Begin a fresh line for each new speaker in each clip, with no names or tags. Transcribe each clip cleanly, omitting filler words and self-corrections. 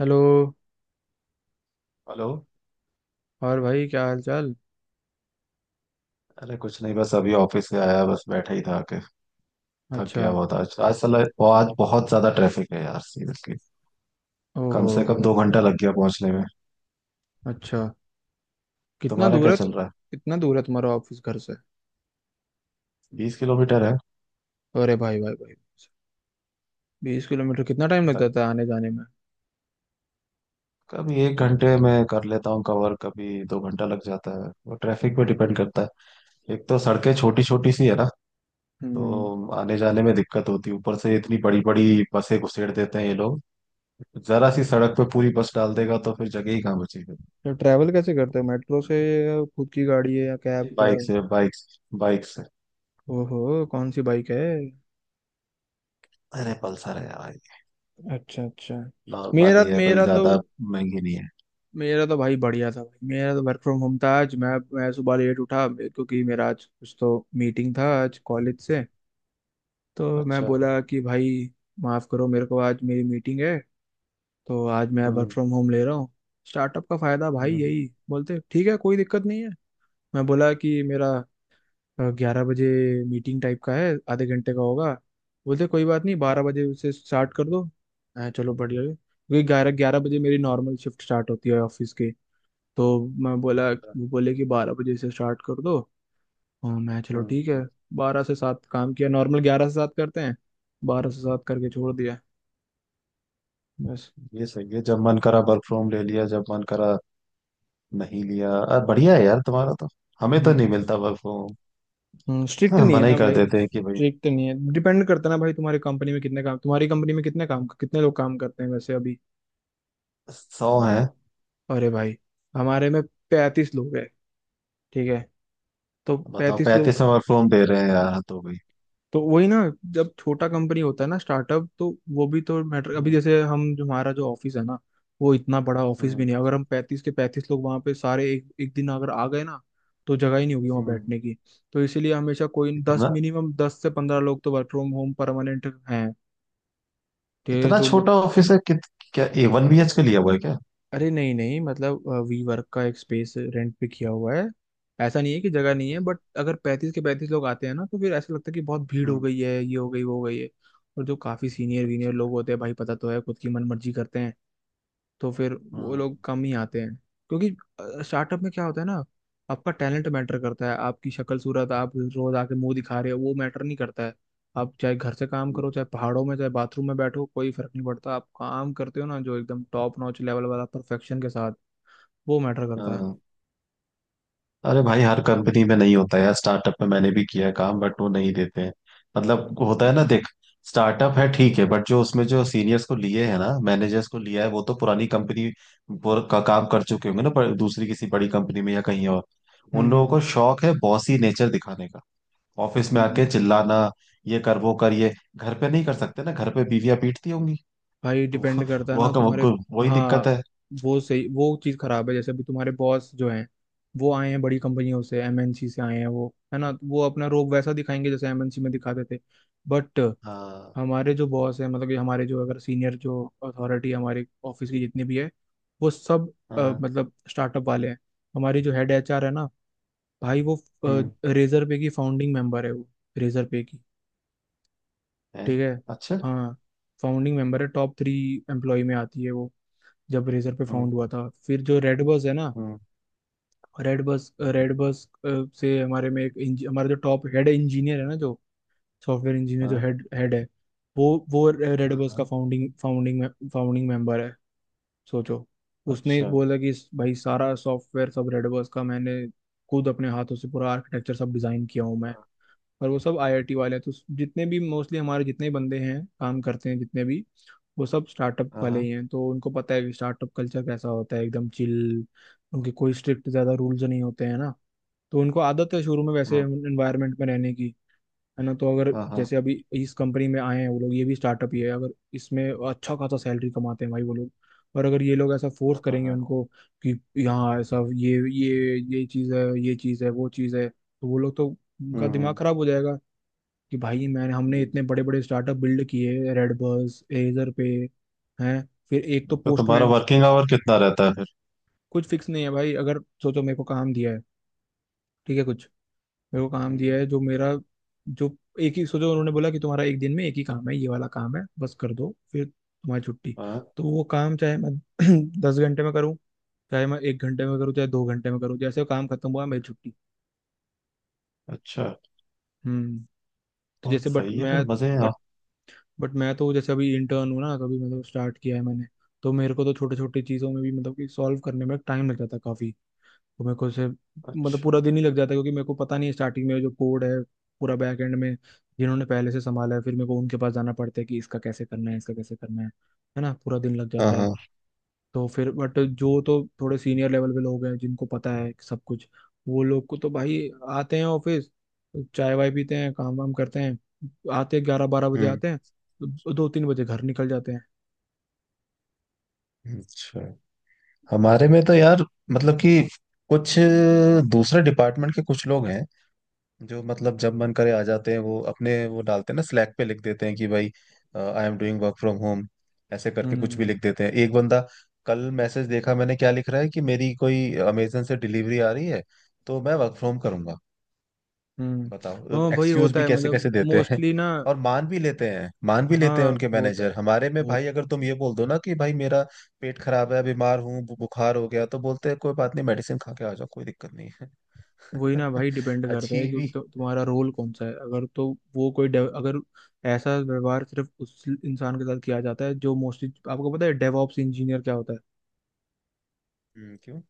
Hello.
Hello.
और भाई क्या हाल चाल?
अरे कुछ नहीं, बस अभी ऑफिस से आया, बस बैठा ही था के थक
अच्छा।
गया बहुत आज आज साला आज बहुत ज्यादा ट्रैफिक है यार, सीरियसली। कम से कम
ओहो।
2 घंटा लग गया पहुंचने में।
अच्छा,
तुम्हारा क्या चल रहा है?
कितना दूर है तुम्हारा ऑफिस घर से?
20 किलोमीटर है।
अरे भाई भाई भाई, 20 किलोमीटर कितना टाइम लगता
लग-
था आने जाने में?
कभी 1 घंटे में कर लेता हूँ कवर, कभी 2 घंटा लग जाता है। वो ट्रैफिक पे डिपेंड करता है। एक तो सड़कें छोटी छोटी सी है ना,
हम्म।
तो आने जाने में दिक्कत होती है। ऊपर से इतनी बड़ी बड़ी बसें घुसेड़ देते हैं ये लोग। जरा सी सड़क पे पूरी बस डाल देगा तो फिर जगह ही कहाँ बचेगी।
तो ट्रैवल कैसे करते हो, मेट्रो से या खुद की गाड़ी है या कैब क्या?
बाइक से, बाइक बाइक।
ओहो। कौन सी बाइक है?
अरे पल्सर है भाई।
अच्छा अच्छा।
नॉर्मल
मेरा
ही है, कोई ज्यादा महंगी नहीं है।
मेरा तो भाई बढ़िया था भाई। मेरा तो वर्क फ्रॉम होम था आज। मैं सुबह लेट उठा क्योंकि मेरा आज कुछ तो मीटिंग था आज कॉलेज से। तो मैं
अच्छा।
बोला कि भाई माफ़ करो मेरे को, आज मेरी मीटिंग है, तो आज मैं वर्क
हम्म।
फ्रॉम होम ले रहा हूँ। स्टार्टअप का फ़ायदा भाई,
हम्म।
यही बोलते ठीक है कोई दिक्कत नहीं है। मैं बोला कि मेरा 11 बजे मीटिंग टाइप का है, आधे घंटे का होगा। बोलते कोई बात नहीं 12 बजे से स्टार्ट कर दो। मैं चलो बढ़िया है क्योंकि ग्यारह ग्यारह बजे मेरी नॉर्मल शिफ्ट स्टार्ट होती है ऑफिस की। तो मैं बोला,
अच्छा,
वो बोले कि 12 बजे से स्टार्ट कर दो। हाँ मैं चलो
हम्म।
ठीक है।
हम्म।
12 से 7 काम किया, नॉर्मल 11 से 7 करते हैं, 12 से 7 करके छोड़ दिया बस।
ये सही है, जब मन करा वर्क फ्रॉम ले लिया, जब मन करा नहीं लिया। अरे बढ़िया है यार तुम्हारा तो, हमें तो नहीं
हम्म।
मिलता वर्क फ्रॉम होम।
स्ट्रिक्ट
हाँ,
नहीं है
मना ही
ना
कर
भाई,
देते हैं कि भाई।
स्ट्रिक्ट नहीं है, डिपेंड करता है ना भाई, तुम्हारी कंपनी में कितने लोग काम करते हैं वैसे अभी?
100 है।
अरे भाई, हमारे में 35 लोग हैं, ठीक है? तो
बताओ,
35 लोग।
35 में वर्क फ्रॉम दे रहे हैं यार, तो भाई।
तो वही ना, जब छोटा कंपनी होता है ना स्टार्टअप, तो वो भी तो मैटर। अभी
हम्म।
जैसे हम जो हमारा जो ऑफिस है ना, वो इतना बड़ा ऑफिस भी
हम्म।
नहीं है। अगर हम 35 के 35 लोग वहां पे सारे 1 1 दिन अगर आ गए ना, तो जगह ही नहीं होगी वहां
हम्म।
बैठने की। तो इसीलिए हमेशा कोई दस
इतना?
मिनिमम दस से पंद्रह लोग तो वर्क फ्रॉम होम परमानेंट हैं। ये
इतना
जो,
छोटा ऑफिस है? कित क्या 1 BHK लिया हुआ है क्या?
अरे नहीं नहीं मतलब, वी वर्क का एक स्पेस रेंट पे किया हुआ है। ऐसा नहीं है कि जगह नहीं है, बट अगर 35 के 35 लोग आते हैं ना तो फिर ऐसा लगता है कि बहुत भीड़ हो
हम्म।
गई है, ये हो गई वो हो गई है। और जो काफी सीनियर वीनियर
अच्छा।
लोग होते हैं भाई, पता तो है, खुद की मन मर्जी करते हैं। तो फिर वो
हम्म।
लोग कम ही आते हैं। क्योंकि स्टार्टअप में क्या होता है ना, आपका टैलेंट मैटर करता है। आपकी शक्ल सूरत आप रोज आके मुंह दिखा रहे हो, वो मैटर नहीं करता है। आप चाहे घर से काम करो, चाहे
हम्म,
पहाड़ों में, चाहे बाथरूम में बैठो, कोई फर्क नहीं पड़ता। आप काम करते हो ना जो एकदम टॉप नॉच लेवल वाला परफेक्शन के साथ, वो मैटर करता है।
हाँ। अरे भाई हर कंपनी में नहीं होता यार। स्टार्टअप में मैंने भी किया है काम, बट वो नहीं देते हैं। मतलब होता है ना, देख, स्टार्टअप है ठीक है, बट जो उसमें जो सीनियर्स को लिए है ना, मैनेजर्स को लिया है, वो तो पुरानी कंपनी का काम कर चुके होंगे ना, पर दूसरी किसी बड़ी कंपनी में या कहीं और।
हम्म
उन लोगों को
हम्म,
शौक है बॉसी नेचर दिखाने का, ऑफिस में आके
हम्म।
चिल्लाना ये कर वो कर। ये घर पे नहीं कर सकते ना, घर पे बीवियां पीटती होंगी।
भाई
तो
डिपेंड करता है
वो
ना
वो,
तुम्हारे।
वो वही दिक्कत
हाँ,
है।
वो सही, वो चीज़ खराब है। जैसे अभी तुम्हारे बॉस जो हैं, वो आए हैं बड़ी कंपनियों से, एमएनसी से आए हैं वो, है ना? तो वो अपना रोब वैसा दिखाएंगे जैसे एमएनसी में दिखाते थे। बट
हाँ।
हमारे जो बॉस है, मतलब कि हमारे जो, अगर सीनियर, जो अथॉरिटी हमारे ऑफिस की जितनी भी है, वो सब
हाँ।
मतलब स्टार्टअप वाले हैं। हमारी जो हेड एचआर है ना भाई, वो
हम्म।
रेजर पे की फाउंडिंग मेंबर है वो, रेजर पे की,
है।
ठीक है?
अच्छा।
हाँ, फाउंडिंग मेंबर है, टॉप 3 एम्प्लॉय में आती है वो, जब रेजर पे फाउंड
हम्म।
हुआ था। फिर जो रेड बस है ना,
हम्म।
रेड बस से हमारे में एक हमारा जो टॉप हेड इंजीनियर है ना, जो सॉफ्टवेयर इंजीनियर, जो
हाँ।
हेड हेड है, वो रेड
हाँ,
बस का
हाँ।
फाउंडिंग फाउंडिंग फाउंडिंग मेंबर है, सोचो। उसने
अच्छा।
बोला कि भाई सारा सॉफ्टवेयर सब रेड बस का मैंने खुद अपने हाथों से पूरा आर्किटेक्चर सब डिजाइन किया हूँ मैं।
हाँ।
पर वो सब आईआईटी वाले हैं। तो जितने भी मोस्टली हमारे जितने बंदे हैं काम करते हैं जितने भी, वो सब स्टार्टअप वाले
हाँ।
ही हैं। तो उनको पता है कि स्टार्टअप कल्चर कैसा होता है, एकदम चिल। उनके कोई स्ट्रिक्ट ज़्यादा रूल्स नहीं होते हैं ना। तो उनको आदत है शुरू में वैसे
हाँ।
एनवायरनमेंट में रहने की, है ना? तो अगर
हाँ, हाँ,
जैसे अभी इस कंपनी में आए हैं वो लोग, ये भी स्टार्टअप ही है। अगर इसमें अच्छा खासा सैलरी कमाते हैं भाई वो लोग, और अगर ये लोग ऐसा
वो
फोर्स
तो
करेंगे
है।
उनको कि यहाँ ऐसा ये चीज़ है, ये चीज़ है, वो चीज़ है, तो वो लोग तो, उनका
हम्म।
दिमाग
हम्म।
खराब हो जाएगा कि भाई मैंने हमने
हम्म।
इतने बड़े बड़े स्टार्टअप बिल्ड किए, रेडबर्स एजर पे हैं, फिर एक तो
तो तुम्हारा
पोस्टमैन।
वर्किंग आवर कितना रहता है फिर?
कुछ फिक्स नहीं है भाई। अगर सोचो मेरे को काम दिया है, ठीक है, कुछ, मेरे को काम
हम्म।
दिया है जो मेरा जो एक ही, सोचो उन्होंने बोला कि तुम्हारा एक दिन में एक ही काम है, ये वाला काम है, बस कर दो फिर तुम्हारी छुट्टी।
हाँ।
तो वो काम चाहे मैं 10 घंटे में करूँ, चाहे मैं 1 घंटे में करूँ, चाहे 2 घंटे में करूँ, जैसे काम खत्म हुआ मेरी छुट्टी।
अच्छा।
हम्म। तो
बहुत
जैसे बट
सही है,
मैं
फिर मजे हैं
बट
आप।
तो जैसे अभी इंटर्न हूँ ना, कभी मतलब स्टार्ट किया है मैंने, तो मेरे को तो छोटे छोटे चीज़ों में भी मतलब कि सॉल्व करने में टाइम लग जाता है काफ़ी। तो मेरे को से मतलब पूरा
अच्छा।
दिन ही लग जाता है, क्योंकि मेरे को पता नहीं है स्टार्टिंग में जो कोड है पूरा बैक एंड में, जिन्होंने पहले से संभाला है। फिर मेरे को उनके पास जाना पड़ता है कि इसका कैसे करना है, इसका कैसे करना है ना? पूरा दिन लग
हाँ।
जाता है।
हाँ।
तो फिर बट जो तो थोड़े सीनियर लेवल पे लोग हैं जिनको पता है सब कुछ, वो लोग को तो भाई आते हैं ऑफिस, चाय वाय पीते हैं, काम वाम करते हैं, आते 11-12 बजे
हम्म।
आते हैं, 2-3 बजे घर निकल जाते हैं।
अच्छा, हमारे में तो यार, मतलब कि कुछ दूसरे डिपार्टमेंट के कुछ लोग हैं जो, मतलब जब मन करे आ जाते हैं। वो अपने वो डालते हैं ना, स्लैक पे लिख देते हैं कि भाई I am doing work from home, ऐसे करके कुछ भी
हम्म
लिख देते हैं। एक बंदा, कल मैसेज देखा मैंने, क्या लिख रहा है कि मेरी कोई अमेजन से डिलीवरी आ रही है तो मैं वर्क फ्रॉम करूंगा।
हम्म।
बताओ,
हाँ भाई
एक्सक्यूज
होता
भी
है,
कैसे कैसे
मतलब
देते हैं।
मोस्टली ना,
और मान भी लेते हैं, मान भी लेते हैं
हाँ
उनके
होता है।
मैनेजर। हमारे में
वो
भाई अगर तुम ये बोल दो ना कि भाई मेरा पेट खराब है, बीमार हूँ, बुखार हो गया, तो बोलते हैं कोई बात नहीं, मेडिसिन खा के आ जाओ, कोई दिक्कत नहीं है।
वही ना भाई, डिपेंड करता
अच्छी
है, क्योंकि
भी।
तो, तुम्हारा रोल कौन सा है अगर तो, वो कोई अगर ऐसा व्यवहार सिर्फ उस इंसान के साथ किया जाता है जो मोस्टली, आपको पता है डेवऑप्स इंजीनियर क्या होता है?
क्यों?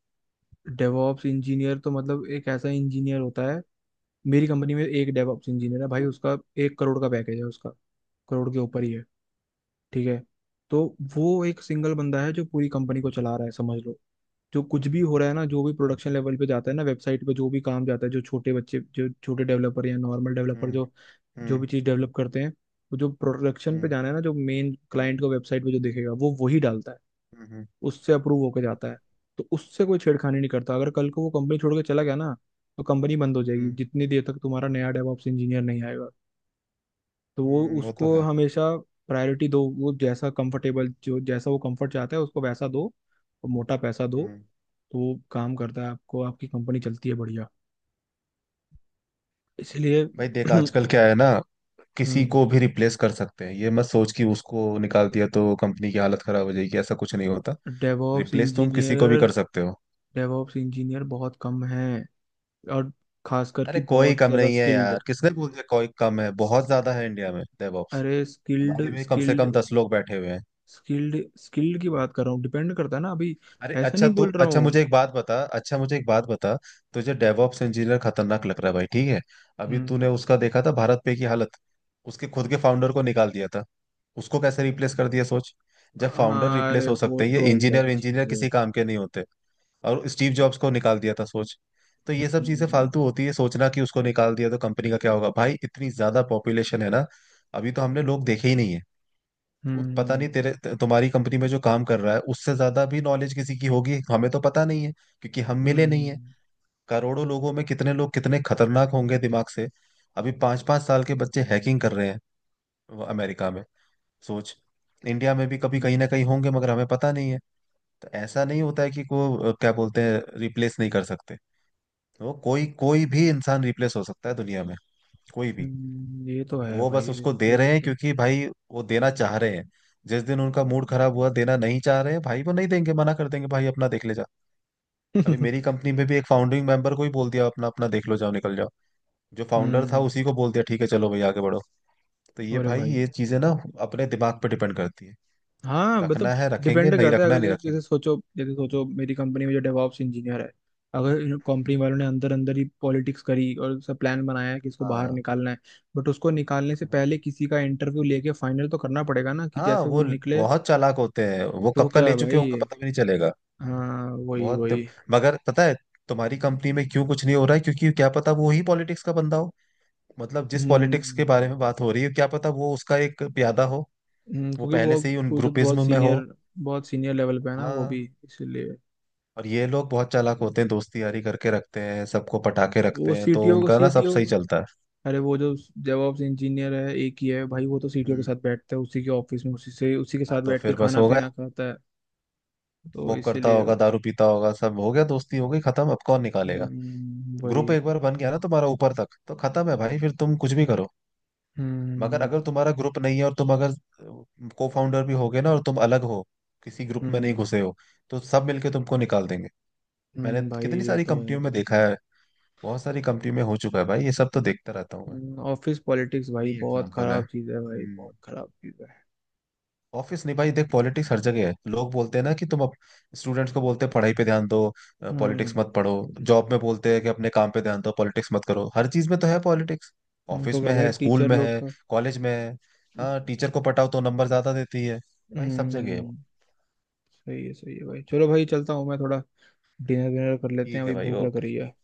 डेवॉप्स इंजीनियर तो मतलब एक ऐसा इंजीनियर होता है, मेरी कंपनी में एक डेवॉप्स इंजीनियर है भाई, उसका 1 करोड़ का पैकेज है उसका, करोड़ के ऊपर ही है, ठीक है? तो वो एक सिंगल बंदा है जो पूरी कंपनी को चला रहा है समझ लो। जो कुछ भी हो रहा है ना, जो भी प्रोडक्शन लेवल पे जाता है ना, वेबसाइट पे जो भी काम जाता है, जो छोटे बच्चे, जो छोटे डेवलपर या नॉर्मल डेवलपर
हम्म।
जो जो
हम्म।
भी चीज़ डेवलप करते हैं, वो जो प्रोडक्शन पे
हम्म।
जाना है ना, जो मेन क्लाइंट को वेबसाइट पे जो दिखेगा वो वही डालता है,
हम्म। हम्म।
उससे अप्रूव होकर जाता है। तो उससे कोई छेड़खानी नहीं करता। अगर कल को वो कंपनी छोड़ के चला गया ना, तो कंपनी बंद हो जाएगी
हम्म।
जितनी देर तक तुम्हारा नया डेवऑप्स इंजीनियर नहीं आएगा। तो वो
वो तो
उसको
है।
हमेशा प्रायोरिटी दो, वो जैसा कंफर्टेबल, जो जैसा वो कंफर्ट चाहता है उसको वैसा दो, और मोटा पैसा दो।
हम्म।
तो वो काम करता है, आपको आपकी कंपनी चलती है बढ़िया। इसलिए
भाई देख, आजकल क्या है ना, किसी को भी रिप्लेस कर सकते हैं। ये मत सोच कि उसको निकाल दिया तो कंपनी की हालत खराब हो जाएगी, ऐसा कुछ नहीं होता।
डेवऑप्स
रिप्लेस तुम किसी को भी
इंजीनियर
कर सकते हो।
डेवऑप्स इंजीनियर बहुत कम हैं, और खासकर कि
अरे कोई
बहुत
कम
ज़्यादा
नहीं है यार,
स्किल्ड।
किसने बोल दिया कोई कम है? बहुत ज्यादा है इंडिया में डेवऑप्स।
अरे स्किल्ड
हमारे में कम से कम 10 लोग बैठे हुए हैं।
स्किल्ड की बात कर रहा हूँ, डिपेंड करता है ना अभी।
अरे
ऐसा
अच्छा,
नहीं
तो
बोल रहा
अच्छा
हूँ।
मुझे एक बात बता, अच्छा मुझे एक बात बता, तुझे डेवऑप्स इंजीनियर खतरनाक लग रहा है भाई, ठीक है। अभी
हम्म।
तूने उसका देखा था भारत पे की हालत, उसके खुद के फाउंडर को निकाल दिया था। उसको कैसे रिप्लेस कर दिया सोच। जब फाउंडर
हाँ, अरे
रिप्लेस हो
वो
सकते हैं, ये
तो
इंजीनियर
अलग चीज
इंजीनियर
है।
किसी काम के नहीं होते। और स्टीव जॉब्स को निकाल दिया था, सोच। तो ये सब चीजें
हम्म
फालतू होती है, सोचना कि उसको निकाल दिया तो कंपनी का क्या होगा। भाई इतनी ज्यादा पॉपुलेशन है ना, अभी तो हमने लोग देखे ही नहीं है। वो पता नहीं,
हम्म
तुम्हारी कंपनी में जो काम कर रहा है उससे ज्यादा भी नॉलेज किसी की होगी, हमें तो पता नहीं है, क्योंकि हम
हम्म
मिले नहीं है।
हम्म,
करोड़ों लोगों में कितने लोग कितने खतरनाक होंगे दिमाग से। अभी 5 5 साल के बच्चे हैकिंग कर रहे हैं वो अमेरिका में, सोच। इंडिया में भी कभी कहीं ना
हम्म,
कहीं होंगे, मगर हमें पता नहीं है। तो ऐसा नहीं होता है कि क्या बोलते हैं, रिप्लेस नहीं कर सकते। वो कोई कोई भी इंसान रिप्लेस हो सकता है दुनिया में, कोई भी।
ये तो
तो
है
वो बस
भाई,
उसको दे रहे
रिप्लेस
हैं
तो।
क्योंकि भाई वो देना चाह रहे हैं। जिस दिन उनका मूड खराब हुआ, देना नहीं चाह रहे हैं भाई, वो नहीं देंगे, मना कर देंगे भाई। अपना देख ले जा। अभी मेरी कंपनी में भी एक फाउंडिंग मेंबर को ही बोल दिया, अपना अपना देख लो, जाओ निकल जाओ। जो फाउंडर था
हम्म।
उसी को बोल दिया ठीक है, चलो भाई आगे बढ़ो। तो ये
अरे
भाई,
भाई,
ये चीजें ना अपने दिमाग पर डिपेंड करती है।
हाँ मतलब।
रखना है रखेंगे,
डिपेंड
नहीं
करता है
रखना
अगर
है, नहीं
जैसे जैसे
रखेंगे।
सोचो, मेरी कंपनी में जो डेवॉप्स इंजीनियर है, अगर कंपनी वालों ने अंदर अंदर ही पॉलिटिक्स करी और सब प्लान बनाया है कि इसको बाहर
हाँ।
निकालना है, बट उसको निकालने से पहले
हम्म।
किसी का इंटरव्यू लेके फाइनल तो करना पड़ेगा ना, कि
हाँ,
जैसे वो निकले।
बहुत चालाक होते हैं, वो
तो
कब का
क्या
ले
है
चुके
भाई।
होंगे, पता भी नहीं चलेगा।
हाँ वही
बहुत।
वही।
मगर पता है तुम्हारी कंपनी में क्यों कुछ नहीं हो रहा है? क्योंकि क्या पता वो ही पॉलिटिक्स का बंदा हो। मतलब जिस पॉलिटिक्स
हम्म
के बारे में बात हो रही है, क्या पता वो उसका एक प्यादा हो, वो
क्योंकि
पहले
वो
से ही उन
खुद बहुत
ग्रुपिज्म में हो।
सीनियर, बहुत सीनियर लेवल पे है ना वो भी,
हाँ,
इसीलिए।
और ये लोग बहुत चालाक होते हैं, दोस्ती यारी करके रखते हैं, सबको पटाके
वो
रखते हैं, तो
सीटीओ को
उनका ना सब
सीटीओ
सही चलता है।
अरे वो जो डेवऑप्स इंजीनियर है एक ही है भाई, वो तो सीटीओ के
हम्म।
साथ बैठता है उसी के ऑफिस में, उसी के
हाँ
साथ
तो
बैठ के
फिर बस
खाना
हो
पीना
गया।
खाता है। तो
स्मोक करता
इसीलिए।
होगा, दारू पीता होगा, सब हो गया, दोस्ती हो गई, खत्म। अब कौन निकालेगा?
वही।
ग्रुप एक बार बन गया ना तुम्हारा ऊपर तक, तो खत्म है भाई, फिर तुम कुछ भी करो। मगर
हम्म
अगर तुम्हारा ग्रुप नहीं है और तुम अगर को फाउंडर भी हो गए ना, और तुम अलग हो, किसी ग्रुप में नहीं
हम्म
घुसे हो, तो सब मिलके तुमको निकाल देंगे। मैंने
भाई
कितनी
ये
सारी
तो
कंपनियों
है।
में देखा है, बहुत सारी कंपनियों में हो चुका है भाई ये सब, तो देखता रहता हूँ मैं।
ऑफिस पॉलिटिक्स भाई
नहीं,
बहुत
एग्जाम्पल है।
खराब चीज है भाई,
हम्म।
बहुत खराब चीज है।
ऑफिस नहीं भाई, देख पॉलिटिक्स हर जगह है। लोग बोलते हैं ना कि तुम अब, स्टूडेंट्स को बोलते हैं पढ़ाई पे ध्यान दो, पॉलिटिक्स
हम्म
मत पढ़ो। जॉब में बोलते हैं कि अपने काम पे ध्यान दो, पॉलिटिक्स मत करो। हर चीज में तो है पॉलिटिक्स।
तो
ऑफिस
क्या
में
भाई,
है, स्कूल
टीचर
में
लोग
है,
का।
कॉलेज में है। हाँ, टीचर को पटाओ तो नंबर ज्यादा देती है। भाई सब जगह है
हम्म।
वो।
सही है भाई, चलो भाई चलता हूँ मैं थोड़ा, डिनर विनर कर लेते हैं
ठीक है
अभी
भाई।
भूख लग रही है।